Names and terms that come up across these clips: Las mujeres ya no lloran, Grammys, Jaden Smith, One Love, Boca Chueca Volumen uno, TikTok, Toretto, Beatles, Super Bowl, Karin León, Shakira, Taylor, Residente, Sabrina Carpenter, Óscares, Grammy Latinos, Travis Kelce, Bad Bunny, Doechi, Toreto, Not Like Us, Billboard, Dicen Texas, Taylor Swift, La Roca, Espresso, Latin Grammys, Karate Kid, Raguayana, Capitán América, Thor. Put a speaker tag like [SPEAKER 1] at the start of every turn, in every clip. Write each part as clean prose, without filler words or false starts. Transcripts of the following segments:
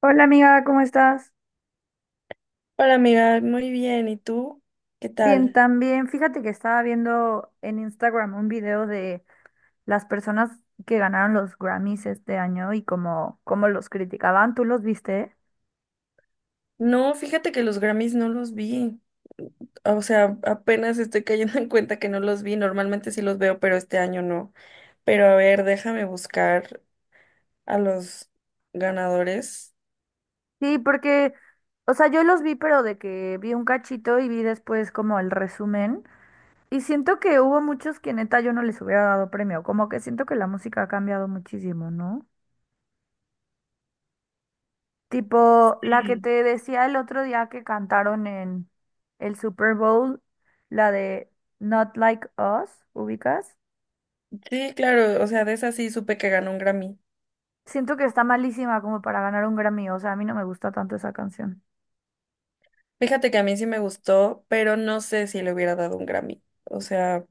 [SPEAKER 1] Hola amiga, ¿cómo estás?
[SPEAKER 2] Hola amiga, muy bien. ¿Y tú? ¿Qué
[SPEAKER 1] Bien,
[SPEAKER 2] tal?
[SPEAKER 1] también. Fíjate que estaba viendo en Instagram un video de las personas que ganaron los Grammys este año y cómo los criticaban. ¿Tú los viste?
[SPEAKER 2] No, fíjate que los Grammys no los vi. O sea, apenas estoy cayendo en cuenta que no los vi. Normalmente sí los veo, pero este año no. Pero a ver, déjame buscar a los ganadores.
[SPEAKER 1] Sí, porque, o sea, yo los vi, pero de que vi un cachito y vi después como el resumen. Y siento que hubo muchos que neta yo no les hubiera dado premio. Como que siento que la música ha cambiado muchísimo, ¿no? Tipo, la que te decía el otro día que cantaron en el Super Bowl, la de Not Like Us, ¿ubicas?
[SPEAKER 2] Sí, claro, o sea, de esa sí supe que ganó un Grammy.
[SPEAKER 1] Siento que está malísima como para ganar un Grammy, o sea, a mí no me gusta tanto esa canción.
[SPEAKER 2] Fíjate que a mí sí me gustó, pero no sé si le hubiera dado un Grammy. O sea,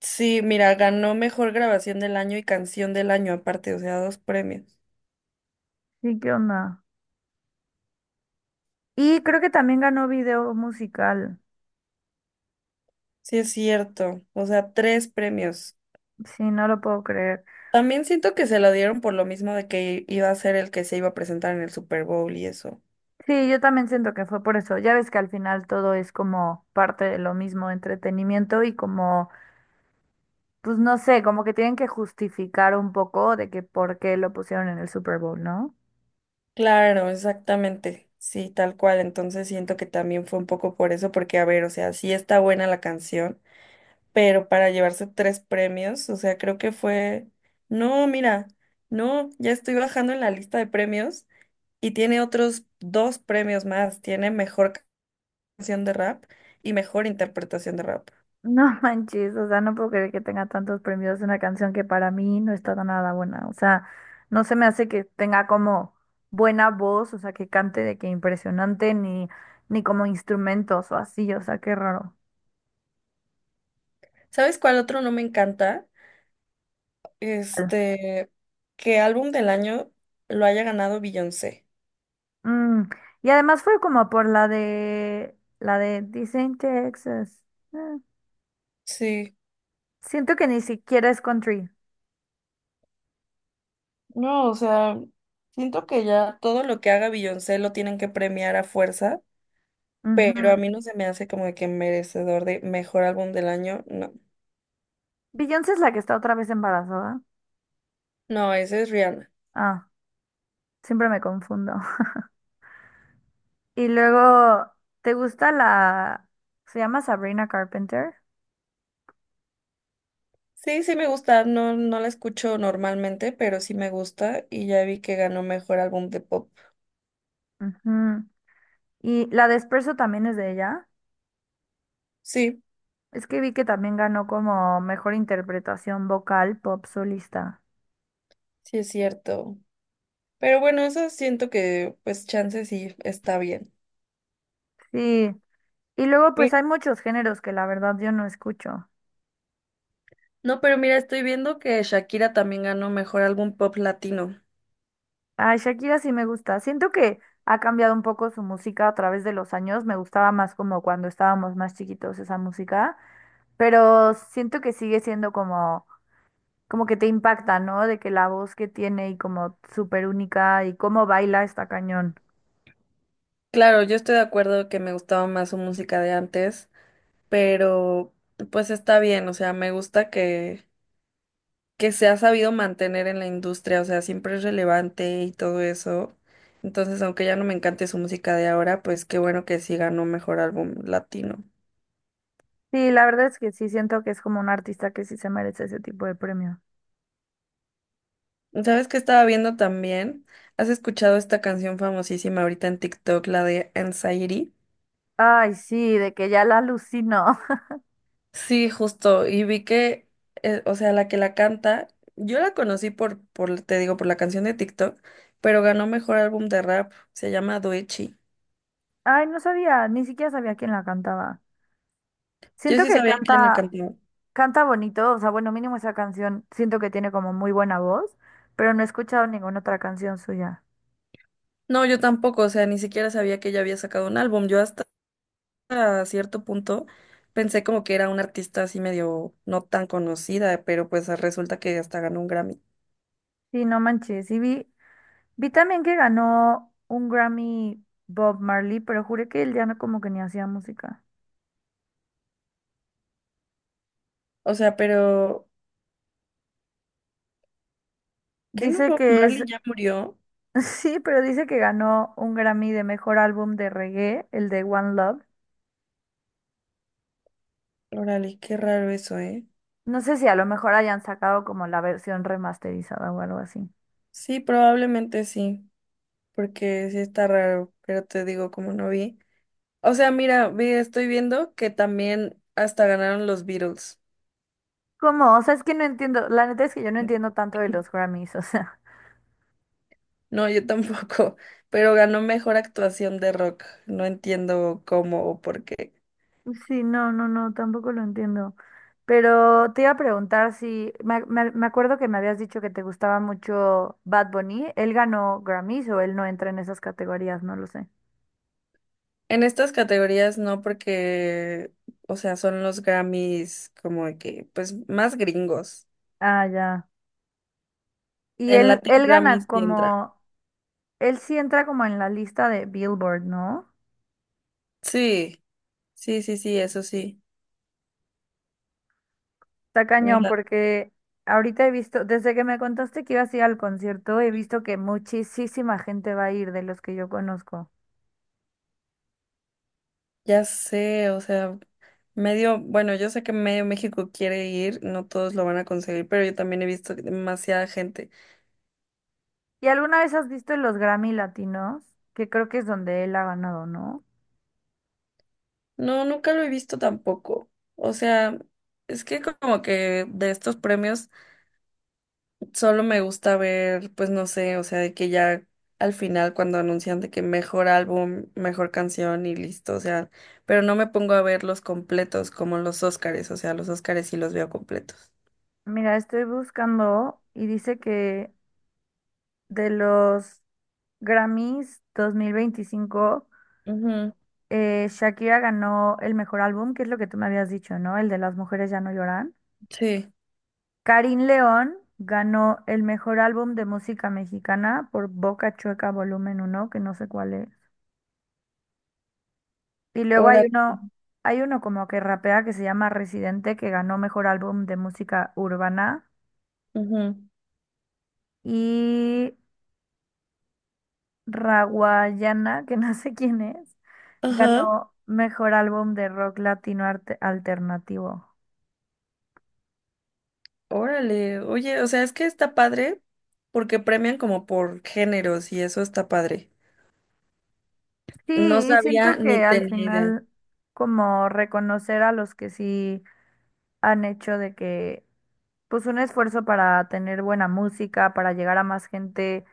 [SPEAKER 2] sí, mira, ganó mejor grabación del año y canción del año aparte, o sea, dos premios.
[SPEAKER 1] Sí, ¿qué onda? Y creo que también ganó video musical.
[SPEAKER 2] Sí, es cierto. O sea, tres premios.
[SPEAKER 1] Sí, no lo puedo creer.
[SPEAKER 2] También siento que se lo dieron por lo mismo de que iba a ser el que se iba a presentar en el Super Bowl y eso.
[SPEAKER 1] Sí, yo también siento que fue por eso. Ya ves que al final todo es como parte de lo mismo, entretenimiento y como, pues no sé, como que tienen que justificar un poco de que por qué lo pusieron en el Super Bowl, ¿no?
[SPEAKER 2] Claro, exactamente. Sí, tal cual. Entonces siento que también fue un poco por eso, porque a ver, o sea, sí está buena la canción, pero para llevarse tres premios, o sea, creo que fue... No, mira, no, ya estoy bajando en la lista de premios y tiene otros dos premios más. Tiene mejor canción de rap y mejor interpretación de rap.
[SPEAKER 1] No manches, o sea, no puedo creer que tenga tantos premios una canción que para mí no está nada buena. O sea, no se me hace que tenga como buena voz, o sea, que cante de que impresionante, ni como instrumentos o así, o sea, qué raro.
[SPEAKER 2] ¿Sabes cuál otro no me encanta? Este, que álbum del año lo haya ganado Beyoncé.
[SPEAKER 1] Mm, y además fue como por la de Dicen Texas. Eh,
[SPEAKER 2] Sí,
[SPEAKER 1] Siento que ni siquiera es country.
[SPEAKER 2] no, o sea, siento que ya todo lo que haga Beyoncé lo tienen que premiar a fuerza, pero a
[SPEAKER 1] Ujú.
[SPEAKER 2] mí no se me hace como de que merecedor de mejor álbum del año, no.
[SPEAKER 1] Beyoncé es la que está otra vez embarazada.
[SPEAKER 2] No, ese es Rihanna.
[SPEAKER 1] Ah, siempre me confundo. Y luego, ¿te gusta la... se llama Sabrina Carpenter?
[SPEAKER 2] Sí, sí me gusta, no, no la escucho normalmente, pero sí me gusta y ya vi que ganó mejor álbum de pop.
[SPEAKER 1] Ujú. Y la de Espresso también es de ella.
[SPEAKER 2] Sí,
[SPEAKER 1] Es que vi que también ganó como mejor interpretación vocal pop solista.
[SPEAKER 2] sí es cierto. Pero bueno, eso siento que pues chance sí está bien.
[SPEAKER 1] Sí. Y luego, pues hay muchos géneros que la verdad yo no escucho.
[SPEAKER 2] No, pero mira, estoy viendo que Shakira también ganó mejor álbum pop latino.
[SPEAKER 1] A Shakira sí me gusta. Siento que ha cambiado un poco su música a través de los años. Me gustaba más como cuando estábamos más chiquitos esa música. Pero siento que sigue siendo como que te impacta, ¿no? De que la voz que tiene y como súper única y cómo baila está cañón.
[SPEAKER 2] Claro, yo estoy de acuerdo que me gustaba más su música de antes, pero pues está bien, o sea, me gusta que se ha sabido mantener en la industria, o sea, siempre es relevante y todo eso. Entonces, aunque ya no me encante su música de ahora, pues qué bueno que sí ganó mejor álbum latino.
[SPEAKER 1] Sí, la verdad es que sí siento que es como un artista que sí se merece ese tipo de premio.
[SPEAKER 2] ¿Sabes qué estaba viendo también? ¿Has escuchado esta canción famosísima ahorita en TikTok, la de Anxiety?
[SPEAKER 1] Ay, sí, de que ya la alucino.
[SPEAKER 2] Sí, justo. Y vi o sea, la que la canta, yo la conocí te digo, por la canción de TikTok, pero ganó mejor álbum de rap. Se llama Doechi.
[SPEAKER 1] Ay, no sabía, ni siquiera sabía quién la cantaba.
[SPEAKER 2] Yo
[SPEAKER 1] Siento
[SPEAKER 2] sí
[SPEAKER 1] que
[SPEAKER 2] sabía quién la
[SPEAKER 1] canta,
[SPEAKER 2] cantaba.
[SPEAKER 1] canta bonito, o sea, bueno, mínimo esa canción, siento que tiene como muy buena voz, pero no he escuchado ninguna otra canción suya.
[SPEAKER 2] No, yo tampoco, o sea, ni siquiera sabía que ella había sacado un álbum. Yo hasta a cierto punto pensé como que era una artista así medio no tan conocida, pero pues resulta que hasta ganó un Grammy.
[SPEAKER 1] Sí, no manches, y vi también que ganó un Grammy Bob Marley, pero juré que él ya no como que ni hacía música.
[SPEAKER 2] O sea, pero ¿qué no
[SPEAKER 1] Dice
[SPEAKER 2] Bob
[SPEAKER 1] que es,
[SPEAKER 2] Marley ya murió?
[SPEAKER 1] sí, pero dice que ganó un Grammy de mejor álbum de reggae, el de One Love.
[SPEAKER 2] Órale, qué raro eso, ¿eh?
[SPEAKER 1] No sé si a lo mejor hayan sacado como la versión remasterizada o algo así.
[SPEAKER 2] Sí, probablemente sí, porque sí está raro, pero te digo como no vi. O sea, mira, vi, estoy viendo que también hasta ganaron los Beatles.
[SPEAKER 1] ¿Cómo? O sea, es que no entiendo. La neta es que yo no entiendo tanto de los Grammys, o sea.
[SPEAKER 2] No, yo tampoco, pero ganó mejor actuación de rock. No entiendo cómo o por qué.
[SPEAKER 1] Sí, no, no, no, tampoco lo entiendo. Pero te iba a preguntar si, me acuerdo que me habías dicho que te gustaba mucho Bad Bunny. ¿Él ganó Grammys o él no entra en esas categorías? No lo sé.
[SPEAKER 2] En estas categorías no porque, o sea, son los Grammys como de que, pues, más gringos.
[SPEAKER 1] Ah, ya. Y
[SPEAKER 2] En
[SPEAKER 1] él,
[SPEAKER 2] Latin
[SPEAKER 1] él gana
[SPEAKER 2] Grammys sí entra.
[SPEAKER 1] como él sí entra como en la lista de Billboard, ¿no?
[SPEAKER 2] Sí, sí, sí, sí, eso sí.
[SPEAKER 1] Está cañón porque ahorita he visto, desde que me contaste que ibas a ir al concierto, he visto que muchísima gente va a ir de los que yo conozco.
[SPEAKER 2] Ya sé, o sea, medio, bueno, yo sé que medio México quiere ir, no todos lo van a conseguir, pero yo también he visto que demasiada gente.
[SPEAKER 1] ¿Y alguna vez has visto los Grammy Latinos? Que creo que es donde él ha ganado, ¿no?
[SPEAKER 2] No, nunca lo he visto tampoco. O sea, es que como que de estos premios solo me gusta ver, pues no sé, o sea, de que ya al final cuando anuncian de que mejor álbum, mejor canción y listo, o sea, pero no me pongo a ver los completos como los Óscares, o sea, los Óscares sí los veo completos.
[SPEAKER 1] Mira, estoy buscando y dice que de los Grammys 2025,
[SPEAKER 2] Ujú,
[SPEAKER 1] Shakira ganó el mejor álbum, que es lo que tú me habías dicho, ¿no? El de Las mujeres ya no lloran.
[SPEAKER 2] sí,
[SPEAKER 1] Karin León ganó el mejor álbum de música mexicana por Boca Chueca Volumen 1 que no sé cuál es. Y luego hay
[SPEAKER 2] ahora.
[SPEAKER 1] uno, hay uno como que rapea que se llama Residente, que ganó mejor álbum de música urbana. Y Raguayana, que no sé quién es,
[SPEAKER 2] Ajá.
[SPEAKER 1] ganó mejor álbum de rock latino arte- alternativo.
[SPEAKER 2] Órale, oye, o sea, es que está padre porque premian como por géneros y eso está padre.
[SPEAKER 1] Sí,
[SPEAKER 2] No
[SPEAKER 1] y
[SPEAKER 2] sabía
[SPEAKER 1] siento
[SPEAKER 2] ni
[SPEAKER 1] que al
[SPEAKER 2] tenía idea.
[SPEAKER 1] final como reconocer a los que sí han hecho de que, pues un esfuerzo para tener buena música, para llegar a más gente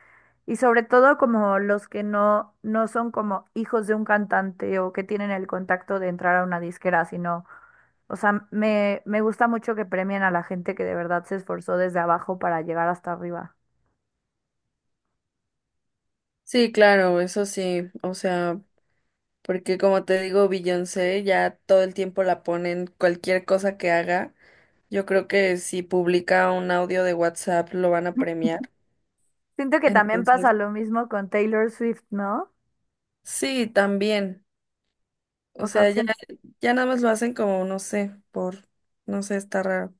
[SPEAKER 1] y sobre todo como los que no, no son como hijos de un cantante o que tienen el contacto de entrar a una disquera, sino, o sea, me gusta mucho que premien a la gente que de verdad se esforzó desde abajo para llegar hasta arriba.
[SPEAKER 2] Sí, claro, eso sí, o sea, porque como te digo, Beyoncé ya todo el tiempo la ponen cualquier cosa que haga. Yo creo que si publica un audio de WhatsApp lo van a premiar.
[SPEAKER 1] Siento que también pasa
[SPEAKER 2] Entonces,
[SPEAKER 1] lo mismo con Taylor Swift, ¿no?
[SPEAKER 2] sí, también.
[SPEAKER 1] O
[SPEAKER 2] O
[SPEAKER 1] sea,
[SPEAKER 2] sea,
[SPEAKER 1] siento
[SPEAKER 2] ya nada más lo hacen como, no sé, no sé, está raro.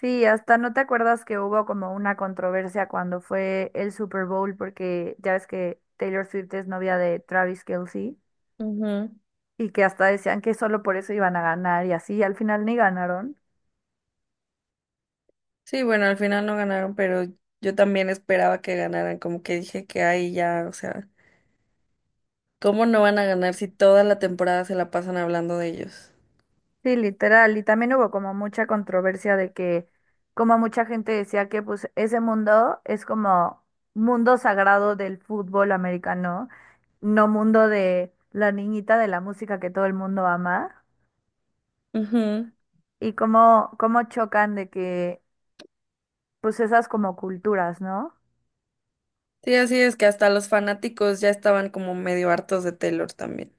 [SPEAKER 1] sí, hasta no te acuerdas que hubo como una controversia cuando fue el Super Bowl porque ya ves que Taylor Swift es novia de Travis Kelce
[SPEAKER 2] Ujú.
[SPEAKER 1] y que hasta decían que solo por eso iban a ganar y así, y al final ni ganaron.
[SPEAKER 2] Sí, bueno, al final no ganaron, pero yo también esperaba que ganaran, como que dije que ahí ya, o sea, ¿cómo no van a ganar si toda la temporada se la pasan hablando de ellos?
[SPEAKER 1] Sí, literal, y también hubo como mucha controversia de que como mucha gente decía que pues ese mundo es como mundo sagrado del fútbol americano, no mundo de la niñita de la música que todo el mundo ama.
[SPEAKER 2] Ujú.
[SPEAKER 1] Y cómo chocan de que pues esas como culturas, ¿no?
[SPEAKER 2] Sí, así es que hasta los fanáticos ya estaban como medio hartos de Taylor también.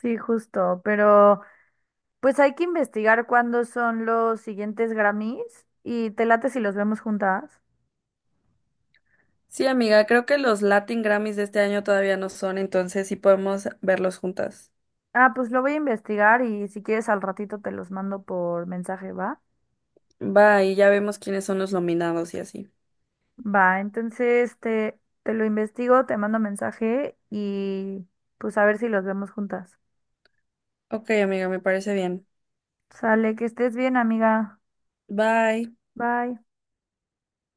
[SPEAKER 1] Sí, justo, pero pues hay que investigar cuándo son los siguientes Grammys y te late si los vemos juntas.
[SPEAKER 2] Sí, amiga, creo que los Latin Grammys de este año todavía no son, entonces sí podemos verlos juntas.
[SPEAKER 1] Ah, pues lo voy a investigar y si quieres al ratito te los mando por mensaje, ¿va?
[SPEAKER 2] Bye, ya vemos quiénes son los nominados y así.
[SPEAKER 1] Va, entonces te lo investigo, te mando mensaje y pues a ver si los vemos juntas.
[SPEAKER 2] Ok, amiga, me parece bien.
[SPEAKER 1] Sale, que estés bien, amiga.
[SPEAKER 2] Bye.
[SPEAKER 1] Bye.